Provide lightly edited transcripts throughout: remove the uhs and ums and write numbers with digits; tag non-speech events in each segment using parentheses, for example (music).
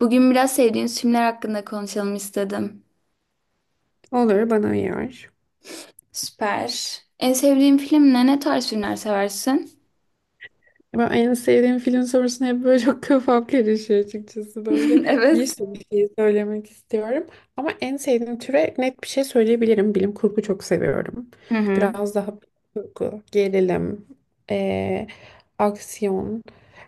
Bugün biraz sevdiğiniz filmler hakkında konuşalım istedim. Olur bana uyar. Süper. En sevdiğin film ne? Ne tarz filmler seversin? Ben en sevdiğim film sorusuna hep böyle (laughs) çok kafam karışıyor açıkçası böyle. (laughs) Bir Evet. sürü şey söylemek istiyorum. Ama en sevdiğim türe net bir şey söyleyebilirim. Bilim kurgu çok seviyorum. Hı hı. Biraz daha kurgu, gerilim, eee, aksiyon.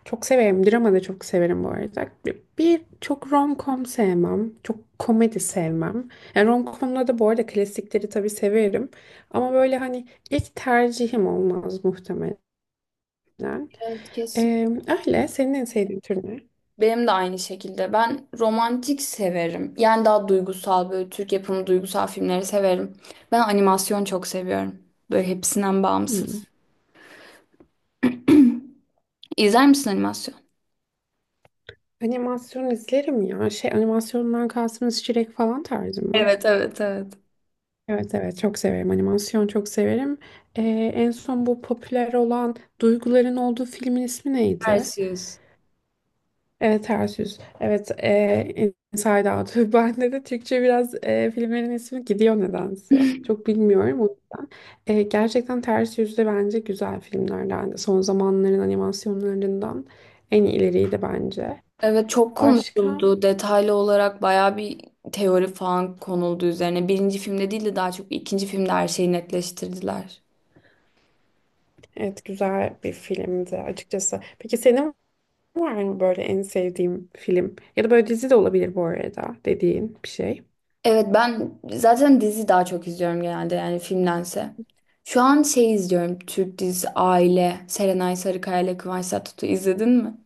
Çok severim. Drama da çok severim bu arada. Bir çok rom-com sevmem. Çok komedi sevmem. Yani rom-com'da da bu arada klasikleri tabii severim. Ama böyle hani İlk tercihim olmaz muhtemelen. Güzel. Evet kesin. Ee, öyle. Senin en sevdiğin tür ne? Benim de aynı şekilde. Ben romantik severim. Yani daha duygusal böyle Türk yapımı duygusal filmleri severim. Ben animasyon çok seviyorum. Böyle hepsinden Hmm. bağımsız. İzler misin animasyon? Animasyon izlerim ya. Şey, animasyondan kastınız Çilek falan tarzı mı? Evet evet evet. Evet, evet, çok severim. Animasyon çok severim. Ee, en son bu popüler olan duyguların olduğu filmin ismi neydi? Perseus. Evet, ters yüz. Evet, Inside Out. (laughs) Bende de Türkçe biraz, filmlerin ismi gidiyor nedense. Çok bilmiyorum. Gerçekten ters yüz de bence güzel filmlerden. Son zamanların animasyonlarından en ileriydi bence. Evet çok Başka? konuşuldu. Detaylı olarak bayağı bir teori falan konuldu üzerine. Birinci filmde değil de daha çok ikinci filmde her şeyi netleştirdiler. Evet, güzel bir filmdi açıkçası. Peki senin var mı böyle en sevdiğin film? Ya da böyle dizi de olabilir bu arada, dediğin bir şey. Evet ben zaten dizi daha çok izliyorum genelde yani filmdense. Şu an şey izliyorum Türk dizisi Aile. Serenay Sarıkaya ile Kıvanç Tatlıtuğ izledin mi?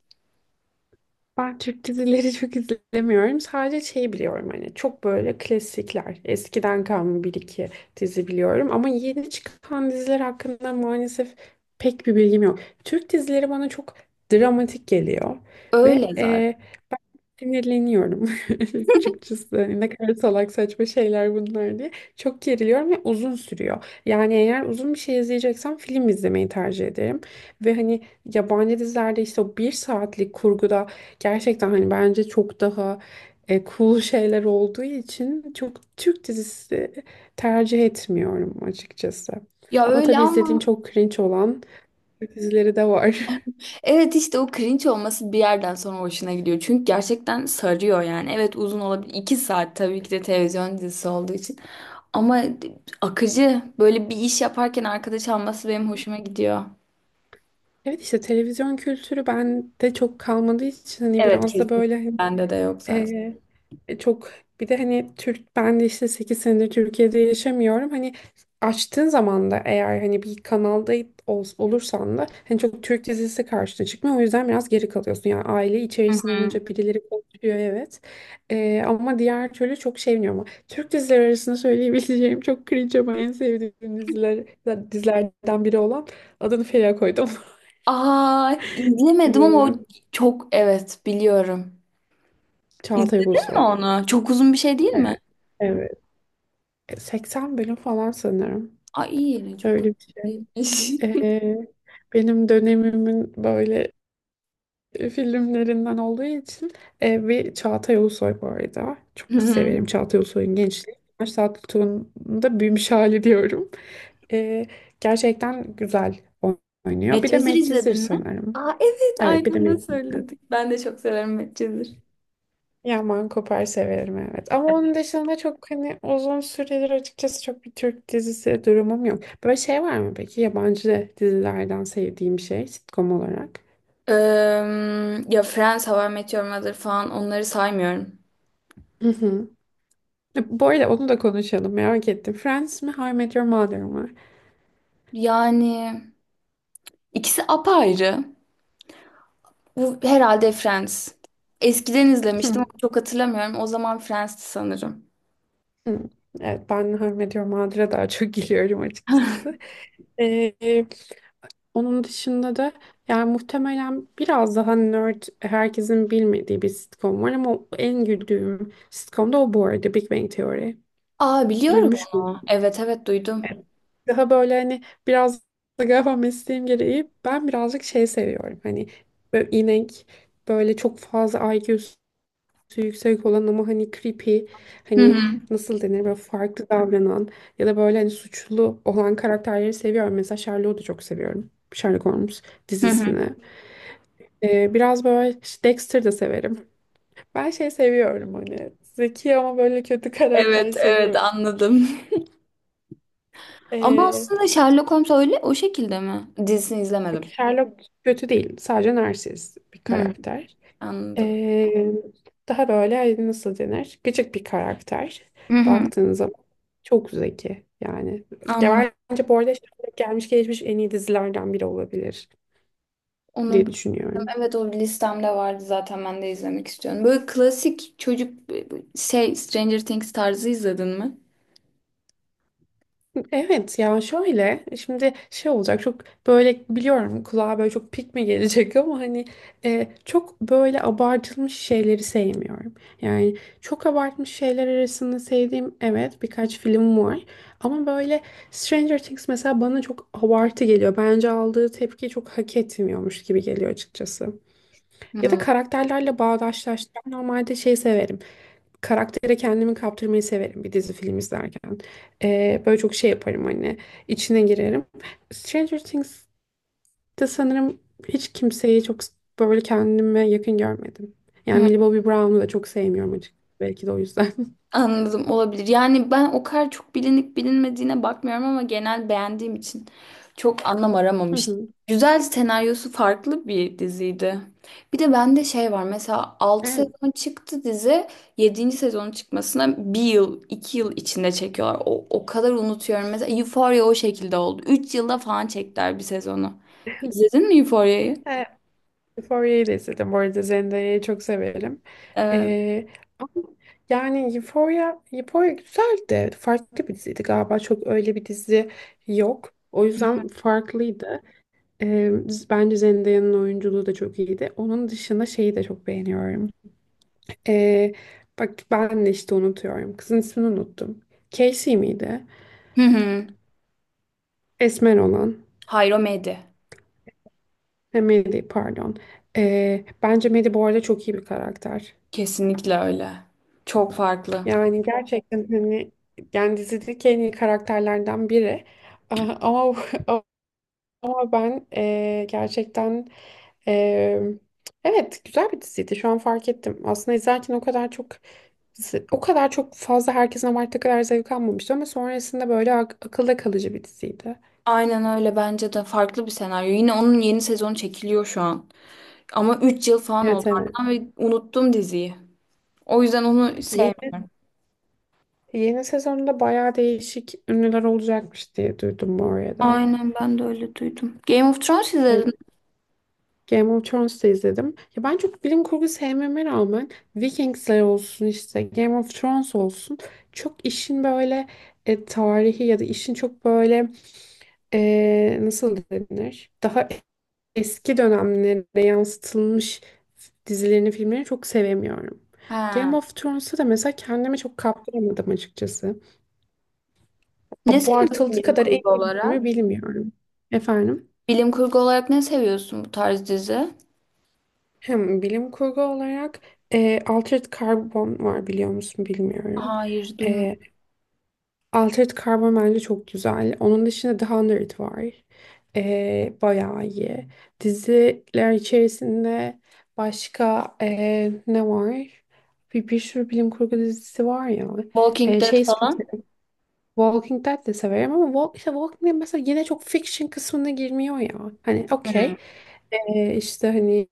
Ben Türk dizileri (laughs) çok izlemiyorum. Sadece şey biliyorum, hani çok böyle klasikler. Eskiden kalma bir iki dizi biliyorum. Ama yeni çıkan diziler hakkında maalesef pek bir bilgim yok. Türk dizileri bana çok dramatik geliyor. Ve Öyle zaten. e, sinirleniyorum (laughs) açıkçası. Hani ne kadar salak saçma şeyler bunlar diye. Çok geriliyorum ve uzun sürüyor. Yani eğer uzun bir şey izleyeceksem film izlemeyi tercih ederim. Ve hani yabancı dizilerde işte o bir saatlik kurguda gerçekten hani bence çok daha cool (laughs) şeyler olduğu için çok Türk dizisi tercih etmiyorum açıkçası. Ya Ama öyle tabii izlediğim ama çok cringe olan Türk dizileri de var. evet işte o cringe olması bir yerden sonra hoşuna gidiyor. Çünkü gerçekten sarıyor yani. Evet uzun olabilir. İki saat tabii ki de televizyon dizisi olduğu için. Ama akıcı böyle bir iş yaparken arkadaş alması benim hoşuma gidiyor. Evet, işte televizyon kültürü bende çok kalmadığı için hani Evet biraz da kesin. böyle hani, Bende de yok zaten. Çok bir de hani Türk, ben de işte 8 senedir Türkiye'de yaşamıyorum. Hani açtığın zaman da eğer hani bir kanalda olursan da hani çok Türk dizisi karşına çıkmıyor. O yüzden biraz geri kalıyorsun. Yani aile içerisinde Hı. olunca birileri konuşuyor, evet. Ama diğer türlü çok şey bilmiyorum. Ama Türk dizileri arasında söyleyebileceğim çok cringe ama en sevdiğim dizilerden biri olan adını Feriha koydum. Aa (laughs) izlemedim ama o Biliyorum. çok evet biliyorum. Çağatay İzledin mi Ulusoy. onu? Çok uzun bir şey değil mi? Evet, evet. 80 bölüm falan sanırım. Ay iyi yine çok Öyle bir şey. uzun değilmiş. E, benim dönemimin böyle filmlerinden olduğu için, ve Çağatay Ulusoy bu arada. Çok severim (laughs) Çağatay Ulusoy'un gençliği. Yaş Saat Tuğ'un da büyümüş hali diyorum. E, gerçekten güzel oynuyor. Bir de Medcezir Medcezir izledin mi? sanırım. Aa evet Evet, bir de aynen öyle Medcezir. söyledik. Ben de çok severim Medcezir. Ya Mankoper severim, evet. Ama onun dışında çok hani, uzun süredir açıkçası çok bir Türk dizisi durumum yok. Böyle şey var mı peki yabancı dizilerden sevdiğim, şey, sitcom olarak? Eee, ya Friends, How I Met Your Mother falan onları saymıyorum. Hı hı. Bu arada onu da konuşalım, merak ettim. Friends mi, How I Met Your Mother mı? Yani ikisi apayrı. Bu herhalde Friends. Eskiden izlemiştim ama çok hatırlamıyorum. O zaman Friends'ti sanırım. (laughs) Evet, ben How I Met Your Mother'a daha çok gülüyorum açıkçası. Onun dışında da yani muhtemelen biraz daha nerd, herkesin bilmediği bir sitcom var ama en güldüğüm sitcom da o bu arada, Big Bang Theory. Aa biliyorum Duymuş onu. muydun? Evet evet duydum. Evet. Daha böyle hani biraz da galiba mesleğim gereği ben birazcık şey seviyorum. Hani böyle inek, böyle çok fazla IQ'su yüksek olan ama hani creepy, Hı hani hı. nasıl denir, böyle farklı davranan ya da böyle hani suçlu olan karakterleri seviyorum. Mesela Sherlock'u da çok seviyorum. Sherlock Holmes Hı hı. dizisini. Biraz böyle Dexter de severim. Ben şey seviyorum, hani zeki ama böyle kötü (laughs) karakter Evet evet seviyorum. anladım. (laughs) Ama Ee, aslında Sherlock Holmes öyle o şekilde mi? Dizisini yok, izlemedim. Sherlock kötü değil. Sadece narsist bir Hı, karakter. anladım. Ee, daha böyle, hani nasıl denir? Gıcık bir karakter. Hı hı, Baktığınız zaman çok zeki yani. anladım. Ya bence bu arada Sherlock gelmiş geçmiş en iyi dizilerden biri olabilir Onu diye bilmiyorum. düşünüyorum. Evet o listemde vardı zaten ben de izlemek istiyorum. Böyle klasik çocuk şey Stranger Things tarzı izledin mi? Evet, ya şöyle şimdi şey olacak, çok böyle, biliyorum kulağa böyle çok pik mi gelecek ama hani çok böyle abartılmış şeyleri sevmiyorum. Yani çok abartmış şeyler arasında sevdiğim, evet, birkaç film var ama böyle Stranger Things mesela bana çok abartı geliyor. Bence aldığı tepkiyi çok hak etmiyormuş gibi geliyor açıkçası. Ya da Hmm. karakterlerle bağdaşlaştıran, normalde şey severim, karaktere kendimi kaptırmayı severim bir dizi, film izlerken. Böyle çok şey yaparım, hani içine girerim. Stranger Things'te sanırım hiç kimseyi çok böyle kendime yakın görmedim. Yani Millie Bobby Brown'u da çok sevmiyorum açıkçası. Belki de o yüzden. (laughs) Anladım olabilir. Yani ben o kadar çok bilinip bilinmediğine bakmıyorum ama genel beğendiğim için çok anlam Hı aramamıştım. hı. Güzel senaryosu farklı bir diziydi. Bir de bende şey var mesela altı Evet. sezon çıktı dizi yedinci sezonun çıkmasına bir yıl 2 yıl içinde çekiyorlar. O kadar unutuyorum. Mesela Euphoria o şekilde oldu. Üç yılda falan çektiler bir sezonu. İzledin mi Euphoria'yı? Evet, Euphoria'yı da izledim. Bu arada Zendaya'yı çok severim. Evet. Ee, ama yani Euphoria güzeldi. Farklı bir diziydi galiba. Çok öyle bir dizi yok. O yüzden farklıydı. Ee, bence Zendaya'nın oyunculuğu da çok iyiydi. Onun dışında şeyi de çok beğeniyorum. Ee, bak, ben de işte unutuyorum. Kızın ismini unuttum. Casey miydi? Hı hı. Esmer olan. Hayır o medya. Ha, Maddie, pardon. Bence Maddie bu arada çok iyi bir karakter. Kesinlikle öyle. Çok farklı. Yani gerçekten hani, yani dizideki en iyi karakterlerden biri. Aa, ama (laughs) ama ben gerçekten, ee, evet, güzel bir diziydi. Şu an fark ettim. Aslında izlerken o kadar çok, o kadar çok fazla, herkesin abarttığı kadar zevk almamıştı ama sonrasında böyle akılda kalıcı bir diziydi. Aynen öyle bence de farklı bir senaryo. Yine onun yeni sezonu çekiliyor şu an. Ama 3 yıl falan Evet, oldu evet. ardından ve unuttum diziyi. O yüzden onu Yeni, sevmiyorum. yeni sezonda bayağı değişik ünlüler olacakmış diye duydum bu arada. Aynen ben de öyle duydum. Game of Thrones izledin. Evet, Game of Thrones'ta izledim. Ya ben çok bilim kurgu sevmeme rağmen Vikingsler olsun, işte Game of Thrones olsun, çok işin böyle tarihi ya da işin çok böyle nasıl denir, daha eski dönemlere yansıtılmış dizilerini, filmlerini çok sevemiyorum. Ha. Game of Thrones'u da mesela kendime çok kaptıramadım açıkçası. Ne seviyorsun Abartıldığı bilim kadar en kurgu iyi olarak? dizimi bilmiyorum. Efendim? Bilim kurgu olarak ne seviyorsun bu tarz dizi? Hem bilim kurgu olarak Altered Carbon var, biliyor musun bilmiyorum. Hayır duymadım. E, Altered Carbon bence çok güzel. Onun dışında The Hundred var. Bayağı iyi. Diziler içerisinde başka ne var? Bir sürü bilim kurgu dizisi var ya. Walking Dead Şey çok falan? severim. Walking Dead de severim ama işte Walking Dead mesela yine çok fiction kısmına girmiyor ya. Hani Hmm. okey. İşte hani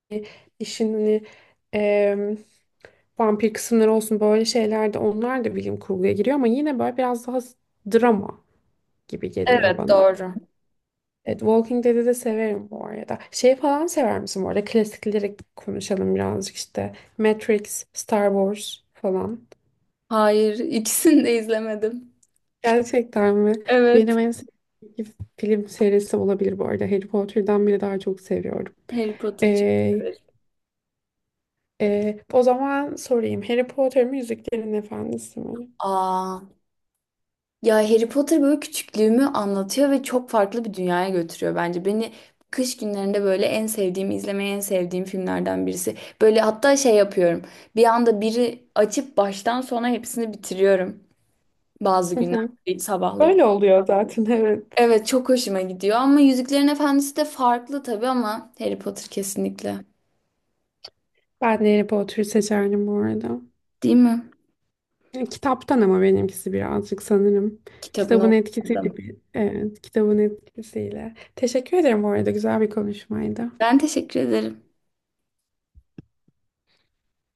işin, hani ee, vampir kısımları olsun, böyle şeyler, de onlar da bilim kurguya giriyor ama yine böyle biraz daha drama gibi geliyor Evet bana. doğru. Evet, Walking Dead'i de severim bu arada. Şey falan sever misin bu arada? Klasikleri konuşalım birazcık, işte Matrix, Star Wars falan. Hayır ikisini de izlemedim. Gerçekten mi? Evet. Benim en sevdiğim film serisi olabilir bu arada. Harry Potter'dan bile daha çok seviyorum. Harry Potter'cı. Ee, Evet. O zaman sorayım. Harry Potter mi Yüzüklerin Efendisi mi? Aa. Ya Harry Potter böyle küçüklüğümü anlatıyor ve çok farklı bir dünyaya götürüyor bence. Beni kış günlerinde böyle en sevdiğim, izlemeyi en sevdiğim filmlerden birisi. Böyle hatta şey yapıyorum. Bir anda biri açıp baştan sona hepsini bitiriyorum. Bazı Hı günler hı. böyle sabahlayıp. Öyle oluyor zaten, evet. Evet çok hoşuma gidiyor ama Yüzüklerin Efendisi de farklı tabii ama Harry Potter kesinlikle. Ben de Harry Potter'ı seçerdim bu arada. Değil mi? Kitaptan ama benimkisi birazcık sanırım. Kitabını Kitabın etkisiyle okumadım. gibi. Evet, kitabın etkisiyle. Teşekkür ederim bu arada. Güzel bir konuşmaydı. Ben teşekkür ederim.